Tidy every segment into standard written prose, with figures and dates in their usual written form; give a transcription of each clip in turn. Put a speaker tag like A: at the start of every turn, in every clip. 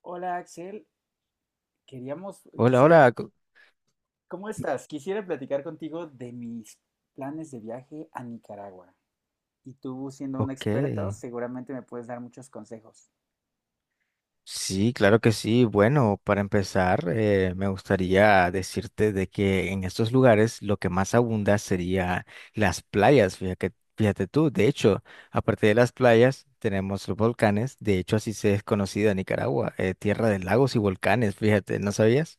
A: Hola Axel, queríamos,
B: Hola,
A: quisiera,
B: hola.
A: ¿cómo estás? Quisiera platicar contigo de mis planes de viaje a Nicaragua. Y tú, siendo un
B: Ok.
A: experto, seguramente me puedes dar muchos consejos.
B: Sí, claro que sí. Bueno, para empezar, me gustaría decirte de que en estos lugares lo que más abunda sería las playas. Fíjate, fíjate tú, de hecho, aparte de las playas, tenemos los volcanes. De hecho, así se es conocida Nicaragua, tierra de lagos y volcanes. Fíjate, ¿no sabías?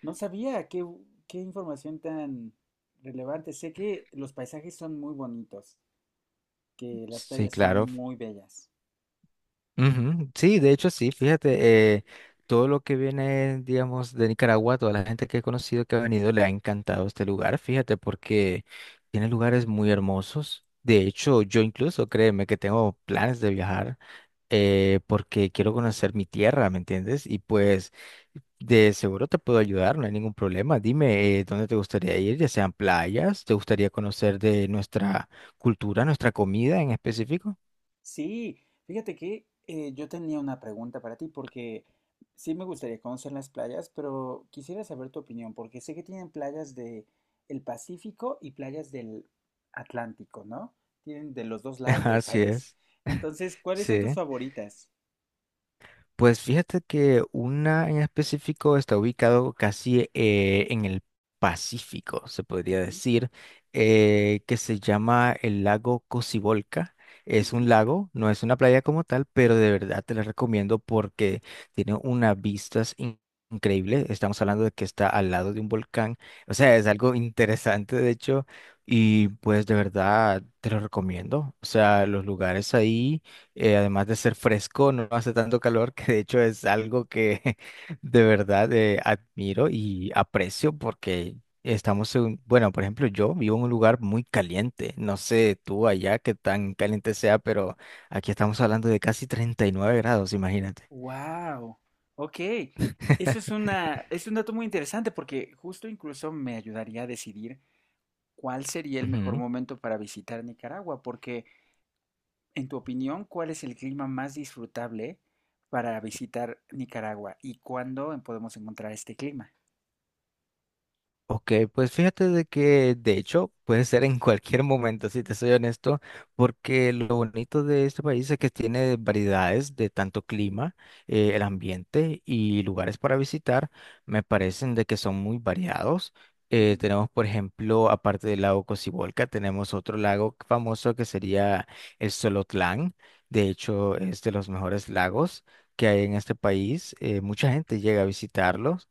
A: No sabía qué información tan relevante. Sé que los paisajes son muy bonitos, que las
B: Sí,
A: playas
B: claro.
A: son muy bellas.
B: Ujú, sí, de hecho sí, fíjate, todo lo que viene, digamos, de Nicaragua, toda la gente que he conocido que ha venido le ha encantado este lugar, fíjate, porque tiene lugares muy hermosos. De hecho, yo incluso, créeme, que tengo planes de viajar porque quiero conocer mi tierra, ¿me entiendes? Y pues de seguro te puedo ayudar, no hay ningún problema. Dime, ¿dónde te gustaría ir? Ya sean playas, ¿te gustaría conocer de nuestra cultura, nuestra comida en específico?
A: Sí, fíjate que yo tenía una pregunta para ti porque sí me gustaría conocer las playas, pero quisiera saber tu opinión porque sé que tienen playas del Pacífico y playas del Atlántico, ¿no? Tienen de los dos lados del
B: Así
A: país.
B: es.
A: Entonces, ¿cuáles son tus
B: Sí,
A: favoritas?
B: pues fíjate que una en específico está ubicado casi en el Pacífico, se podría
A: Ujú,
B: decir, que se llama el lago Cocibolca. Es un
A: ujú.
B: lago, no es una playa como tal, pero de verdad te la recomiendo porque tiene unas vistas increíbles. Estamos hablando de que está al lado de un volcán, o sea, es algo interesante de hecho, y pues de verdad te lo recomiendo. O sea, los lugares ahí además de ser fresco, no hace tanto calor, que de hecho es algo que de verdad admiro y aprecio porque estamos en, bueno, por ejemplo, yo vivo en un lugar muy caliente, no sé tú allá qué tan caliente sea, pero aquí estamos hablando de casi 39 grados, imagínate.
A: Wow, ok. Es un dato muy interesante porque justo incluso me ayudaría a decidir cuál sería el mejor momento para visitar Nicaragua, porque en tu opinión, ¿cuál es el clima más disfrutable para visitar Nicaragua y cuándo podemos encontrar este clima?
B: Ok, pues fíjate de que de hecho puede ser en cualquier momento, si te soy honesto, porque lo bonito de este país es que tiene variedades de tanto clima, el ambiente y lugares para visitar, me parecen de que son muy variados.
A: Ujú.
B: Tenemos, por ejemplo, aparte del lago Cocibolca, tenemos otro lago famoso que sería el Solotlán. De hecho, es de los mejores lagos que hay en este país. Mucha gente llega a visitarlos.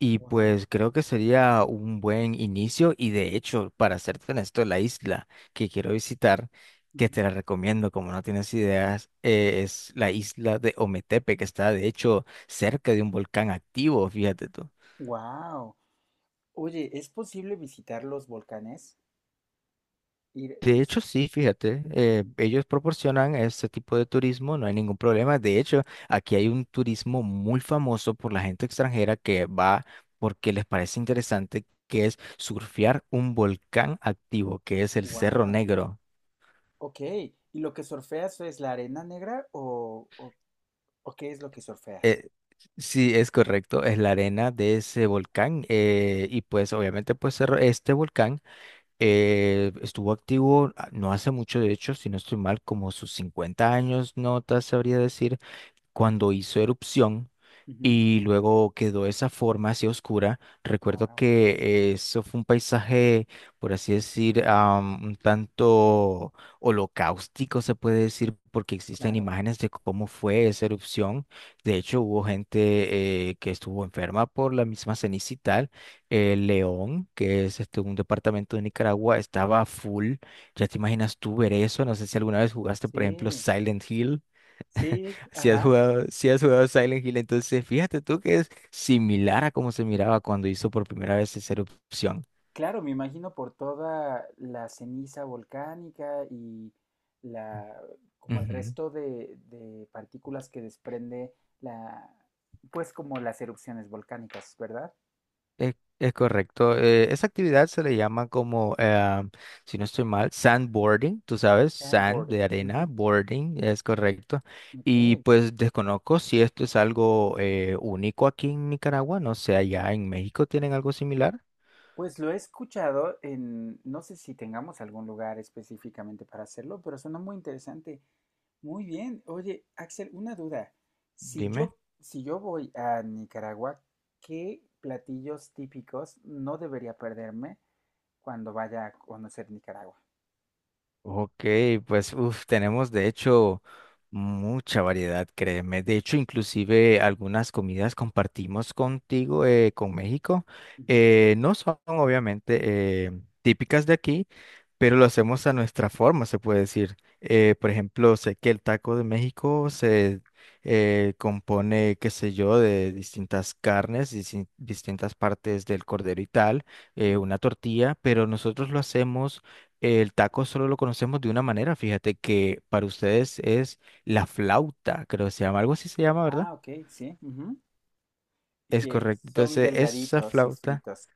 B: Y
A: Wow.
B: pues creo que sería un buen inicio y de hecho, para serte honesto, la isla que quiero visitar, que
A: Ujú.
B: te la recomiendo como no tienes ideas, es la isla de Ometepe, que está de hecho cerca de un volcán activo, fíjate tú.
A: Wow. Oye, ¿es posible visitar los volcanes? Ir...
B: De hecho, sí, fíjate, ellos proporcionan este tipo de turismo, no hay ningún problema. De hecho, aquí hay un turismo muy famoso por la gente extranjera que va porque les parece interesante, que es surfear un volcán activo, que es el Cerro
A: Wow.
B: Negro.
A: Ok. ¿Y lo que surfeas es la arena negra o qué es lo que surfeas?
B: Eh, sí, es correcto, es la arena de ese volcán y pues obviamente pues este volcán estuvo activo no hace mucho, de hecho, si no estoy mal, como sus 50 años, no te sabría decir cuando hizo erupción y luego quedó esa forma así oscura. Recuerdo
A: Wow.
B: que eso fue un paisaje, por así decir, un tanto holocáustico, se puede decir, porque existen
A: Claro.
B: imágenes de cómo fue esa erupción. De hecho, hubo gente que estuvo enferma por la misma ceniza y tal. León, que es este, un departamento de Nicaragua, estaba full. Ya te imaginas tú ver eso. No sé si alguna vez jugaste, por ejemplo,
A: Sí.
B: Silent Hill.
A: Sí.
B: Si has
A: Ajá.
B: jugado, si has jugado Silent Hill, entonces fíjate tú que es similar a cómo se miraba cuando hizo por primera vez esa erupción.
A: Claro, me imagino por toda la ceniza volcánica y la, como el
B: Ujú.
A: resto de partículas que desprende la, pues como las erupciones volcánicas, ¿verdad?
B: Es correcto. Esa actividad se le llama como, si no estoy mal, sandboarding, tú sabes, sand
A: Sandboard.
B: de arena,
A: Ujú,
B: boarding, es correcto.
A: ok.
B: Y pues desconozco si esto es algo único aquí en Nicaragua, no sé, allá en México tienen algo similar,
A: Pues lo he escuchado en, no sé si tengamos algún lugar específicamente para hacerlo, pero suena muy interesante. Muy bien. Oye, Axel, una duda. Si
B: dime.
A: yo, si yo voy a Nicaragua, ¿qué platillos típicos no debería perderme cuando vaya a conocer Nicaragua?
B: Ok, pues uf, tenemos de hecho mucha variedad, créeme. De hecho, inclusive algunas comidas compartimos contigo, con México.
A: Ujú,
B: No son obviamente típicas de aquí, pero lo hacemos a nuestra forma, se puede decir. Por ejemplo, sé que el taco de México se compone, qué sé yo, de distintas carnes, distintas partes del cordero y tal,
A: ujú.
B: una tortilla, pero nosotros lo hacemos el taco solo lo conocemos de una manera, fíjate que para ustedes es la flauta, creo que se llama, algo así se llama, ¿verdad?
A: Ah, ok, sí, ujú.
B: Es
A: Que
B: correcto.
A: son
B: Entonces, esa
A: delgaditos y
B: flauta
A: fritos.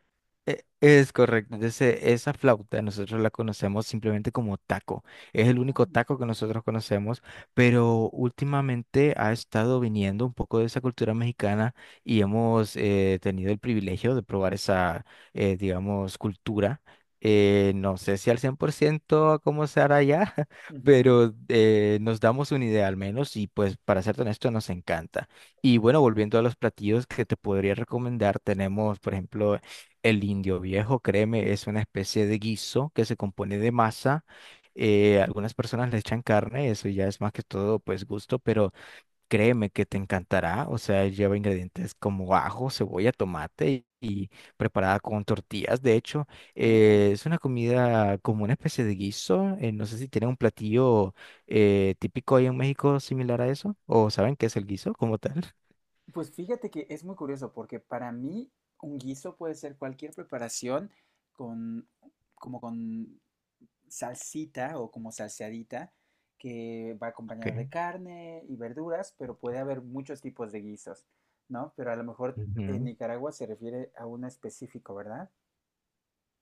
B: es correcto. Entonces, esa flauta nosotros la conocemos simplemente como taco. Es el
A: Ah,
B: único taco que nosotros conocemos, pero últimamente ha estado viniendo un poco de esa cultura mexicana y hemos tenido el privilegio de probar esa, digamos, cultura. No sé si al 100% cómo se hará ya,
A: ujú.
B: pero nos damos una idea al menos y pues para ser honesto nos encanta. Y bueno, volviendo a los platillos que te podría recomendar, tenemos, por ejemplo, el indio viejo, créeme, es una especie de guiso que se compone de masa. Algunas personas le echan carne, eso ya es más que todo pues gusto, pero créeme que te encantará. O sea, lleva ingredientes como ajo, cebolla, tomate y preparada con tortillas. De hecho,
A: Uh.
B: es una comida como una especie de guiso. No sé si tienen un platillo típico ahí en México similar a eso o saben qué es el guiso como tal.
A: Pues fíjate que es muy curioso porque para mí un guiso puede ser cualquier preparación con como con salsita o como salseadita que va acompañada de carne y verduras, pero puede haber muchos tipos de guisos, ¿no? Pero a lo mejor en
B: Ok.
A: Nicaragua se refiere a uno específico, ¿verdad?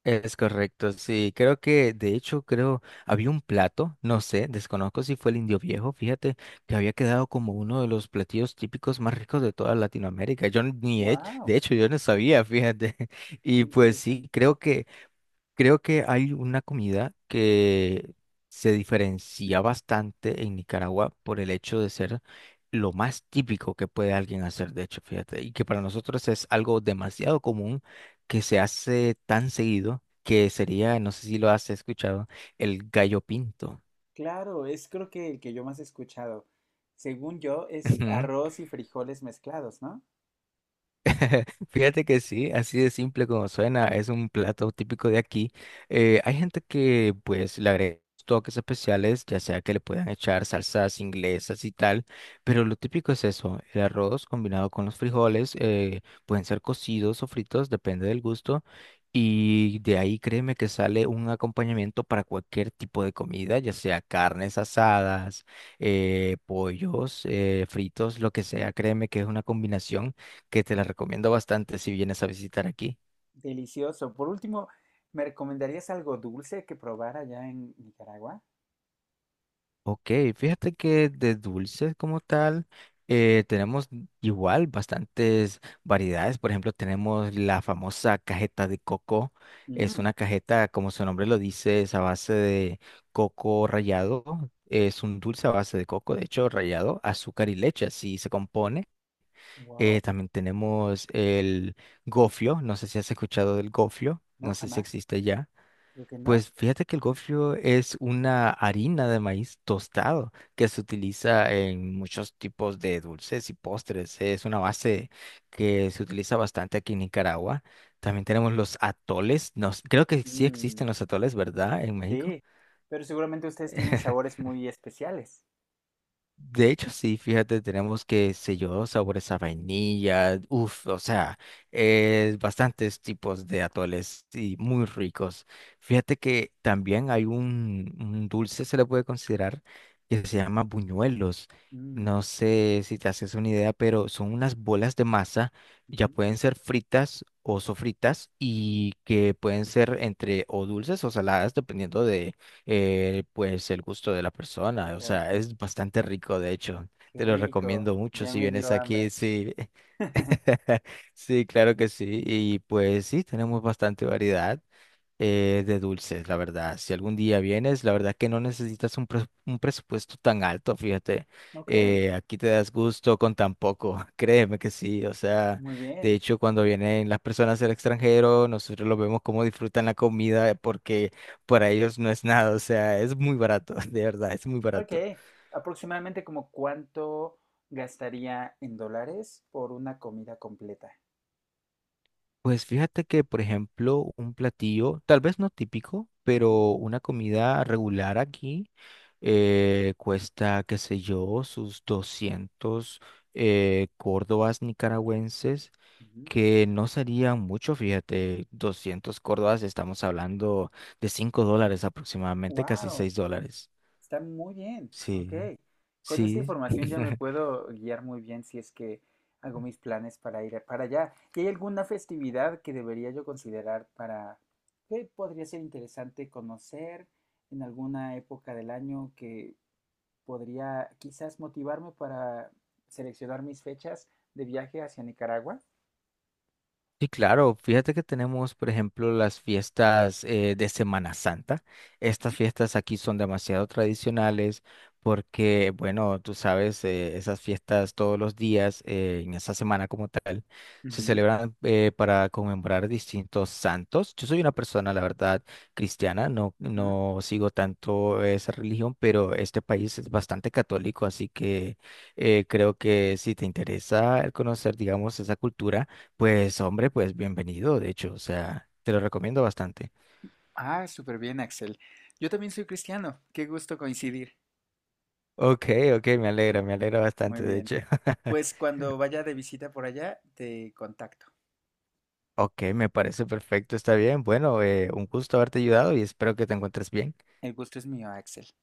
B: Es correcto, sí, creo que de hecho creo había un plato, no sé, desconozco si fue el indio viejo, fíjate que había quedado como uno de los platillos típicos más ricos de toda Latinoamérica. Yo ni he,
A: Wow,
B: de hecho yo no sabía, fíjate.
A: qué
B: Y pues sí,
A: interesante.
B: creo que hay una comida que se diferencia bastante en Nicaragua por el hecho de ser lo más típico que puede alguien hacer, de hecho, fíjate, y que para nosotros es algo demasiado común que se hace tan seguido que sería, no sé si lo has escuchado, el gallo pinto.
A: Claro, es creo que el que yo más he escuchado. Según yo es arroz y frijoles mezclados, ¿no?
B: Fíjate que sí, así de simple como suena, es un plato típico de aquí. Hay gente que pues le agrega toques especiales, ya sea que le puedan echar salsas inglesas y tal, pero lo típico es eso, el arroz combinado con los frijoles, pueden ser cocidos o fritos, depende del gusto, y de ahí créeme que sale un acompañamiento para cualquier tipo de comida, ya sea carnes asadas, pollos, fritos, lo que sea, créeme que es una combinación que te la recomiendo bastante si vienes a visitar aquí.
A: Delicioso. Por último, ¿me recomendarías algo dulce que probara allá en Nicaragua?
B: Ok, fíjate que de dulces como tal, tenemos igual bastantes variedades. Por ejemplo, tenemos la famosa cajeta de coco. Es
A: Mm,
B: una cajeta, como su nombre lo dice, es a base de coco rallado. Es un dulce a base de coco, de hecho, rallado, azúcar y leche, así se compone.
A: wow.
B: También tenemos el gofio. No sé si has escuchado del gofio.
A: No,
B: No sé si
A: jamás.
B: existe ya.
A: Creo que no.
B: Pues fíjate que el gofio es una harina de maíz tostado que se utiliza en muchos tipos de dulces y postres. Es una base que se utiliza bastante aquí en Nicaragua. También tenemos los atoles. Creo que sí
A: Mm,
B: existen los atoles, ¿verdad? En México.
A: sí, pero seguramente ustedes tienen sabores muy especiales.
B: De hecho, sí, fíjate, tenemos que, sé yo, sabores a vainilla, uff, o sea, bastantes tipos de atoles y muy ricos. Fíjate que también hay un dulce, se le puede considerar, que se llama buñuelos.
A: Mm,
B: No sé si te haces una idea, pero son unas bolas de masa, ya
A: ujú,
B: pueden ser fritas o sofritas
A: ujú.
B: y que pueden ser entre o dulces o saladas, dependiendo pues el gusto de la
A: De
B: persona. O
A: cada
B: sea,
A: quien.
B: es bastante rico, de hecho.
A: Qué
B: Te lo
A: rico.
B: recomiendo mucho
A: Ya
B: si
A: me
B: vienes
A: dio
B: aquí,
A: hambre.
B: sí. Sí, claro que sí. Y pues sí, tenemos bastante variedad de dulces, la verdad. Si algún día vienes, la verdad que no necesitas un presupuesto tan alto, fíjate.
A: Ok,
B: Aquí te das gusto con tan poco, créeme que sí. O sea,
A: muy
B: de
A: bien.
B: hecho, cuando vienen las personas del extranjero, nosotros los vemos cómo disfrutan la comida porque para ellos no es nada. O sea, es muy barato, de verdad, es muy
A: Ok,
B: barato.
A: aproximadamente como cuánto gastaría en dólares por una comida completa.
B: Pues fíjate que, por ejemplo, un platillo, tal vez no típico, pero una comida regular aquí cuesta, qué sé yo, sus 200 córdobas nicaragüenses, que no serían mucho, fíjate, 200 córdobas, estamos hablando de $5 aproximadamente, casi
A: Wow.
B: $6.
A: Está muy bien,
B: Sí,
A: ok. Con esta
B: sí.
A: información ya me puedo guiar muy bien si es que hago mis planes para ir para allá. ¿Y hay alguna festividad que debería yo considerar para que podría ser interesante conocer en alguna época del año que podría quizás motivarme para seleccionar mis fechas de viaje hacia Nicaragua?
B: Sí, claro. Fíjate que tenemos, por ejemplo, las fiestas de Semana Santa.
A: Ujú,
B: Estas fiestas aquí son demasiado tradicionales porque, bueno, tú sabes, esas fiestas todos los días en esa semana como tal se
A: ujú,
B: celebran para conmemorar distintos santos. Yo soy una persona, la verdad, cristiana. No,
A: ujú.
B: no sigo tanto esa religión, pero este país es bastante católico, así que creo que si te interesa el conocer, digamos, esa cultura pues hombre, pues bienvenido, de hecho, o sea, te lo recomiendo bastante.
A: Ah, súper bien, Axel. Yo también soy cristiano. Qué gusto coincidir.
B: Ok, ok, me alegra
A: Muy
B: bastante, de
A: bien.
B: hecho.
A: Pues cuando vaya de visita por allá, te contacto.
B: Ok, me parece perfecto, está bien. Bueno, un gusto haberte ayudado y espero que te encuentres bien.
A: El gusto es mío, Axel.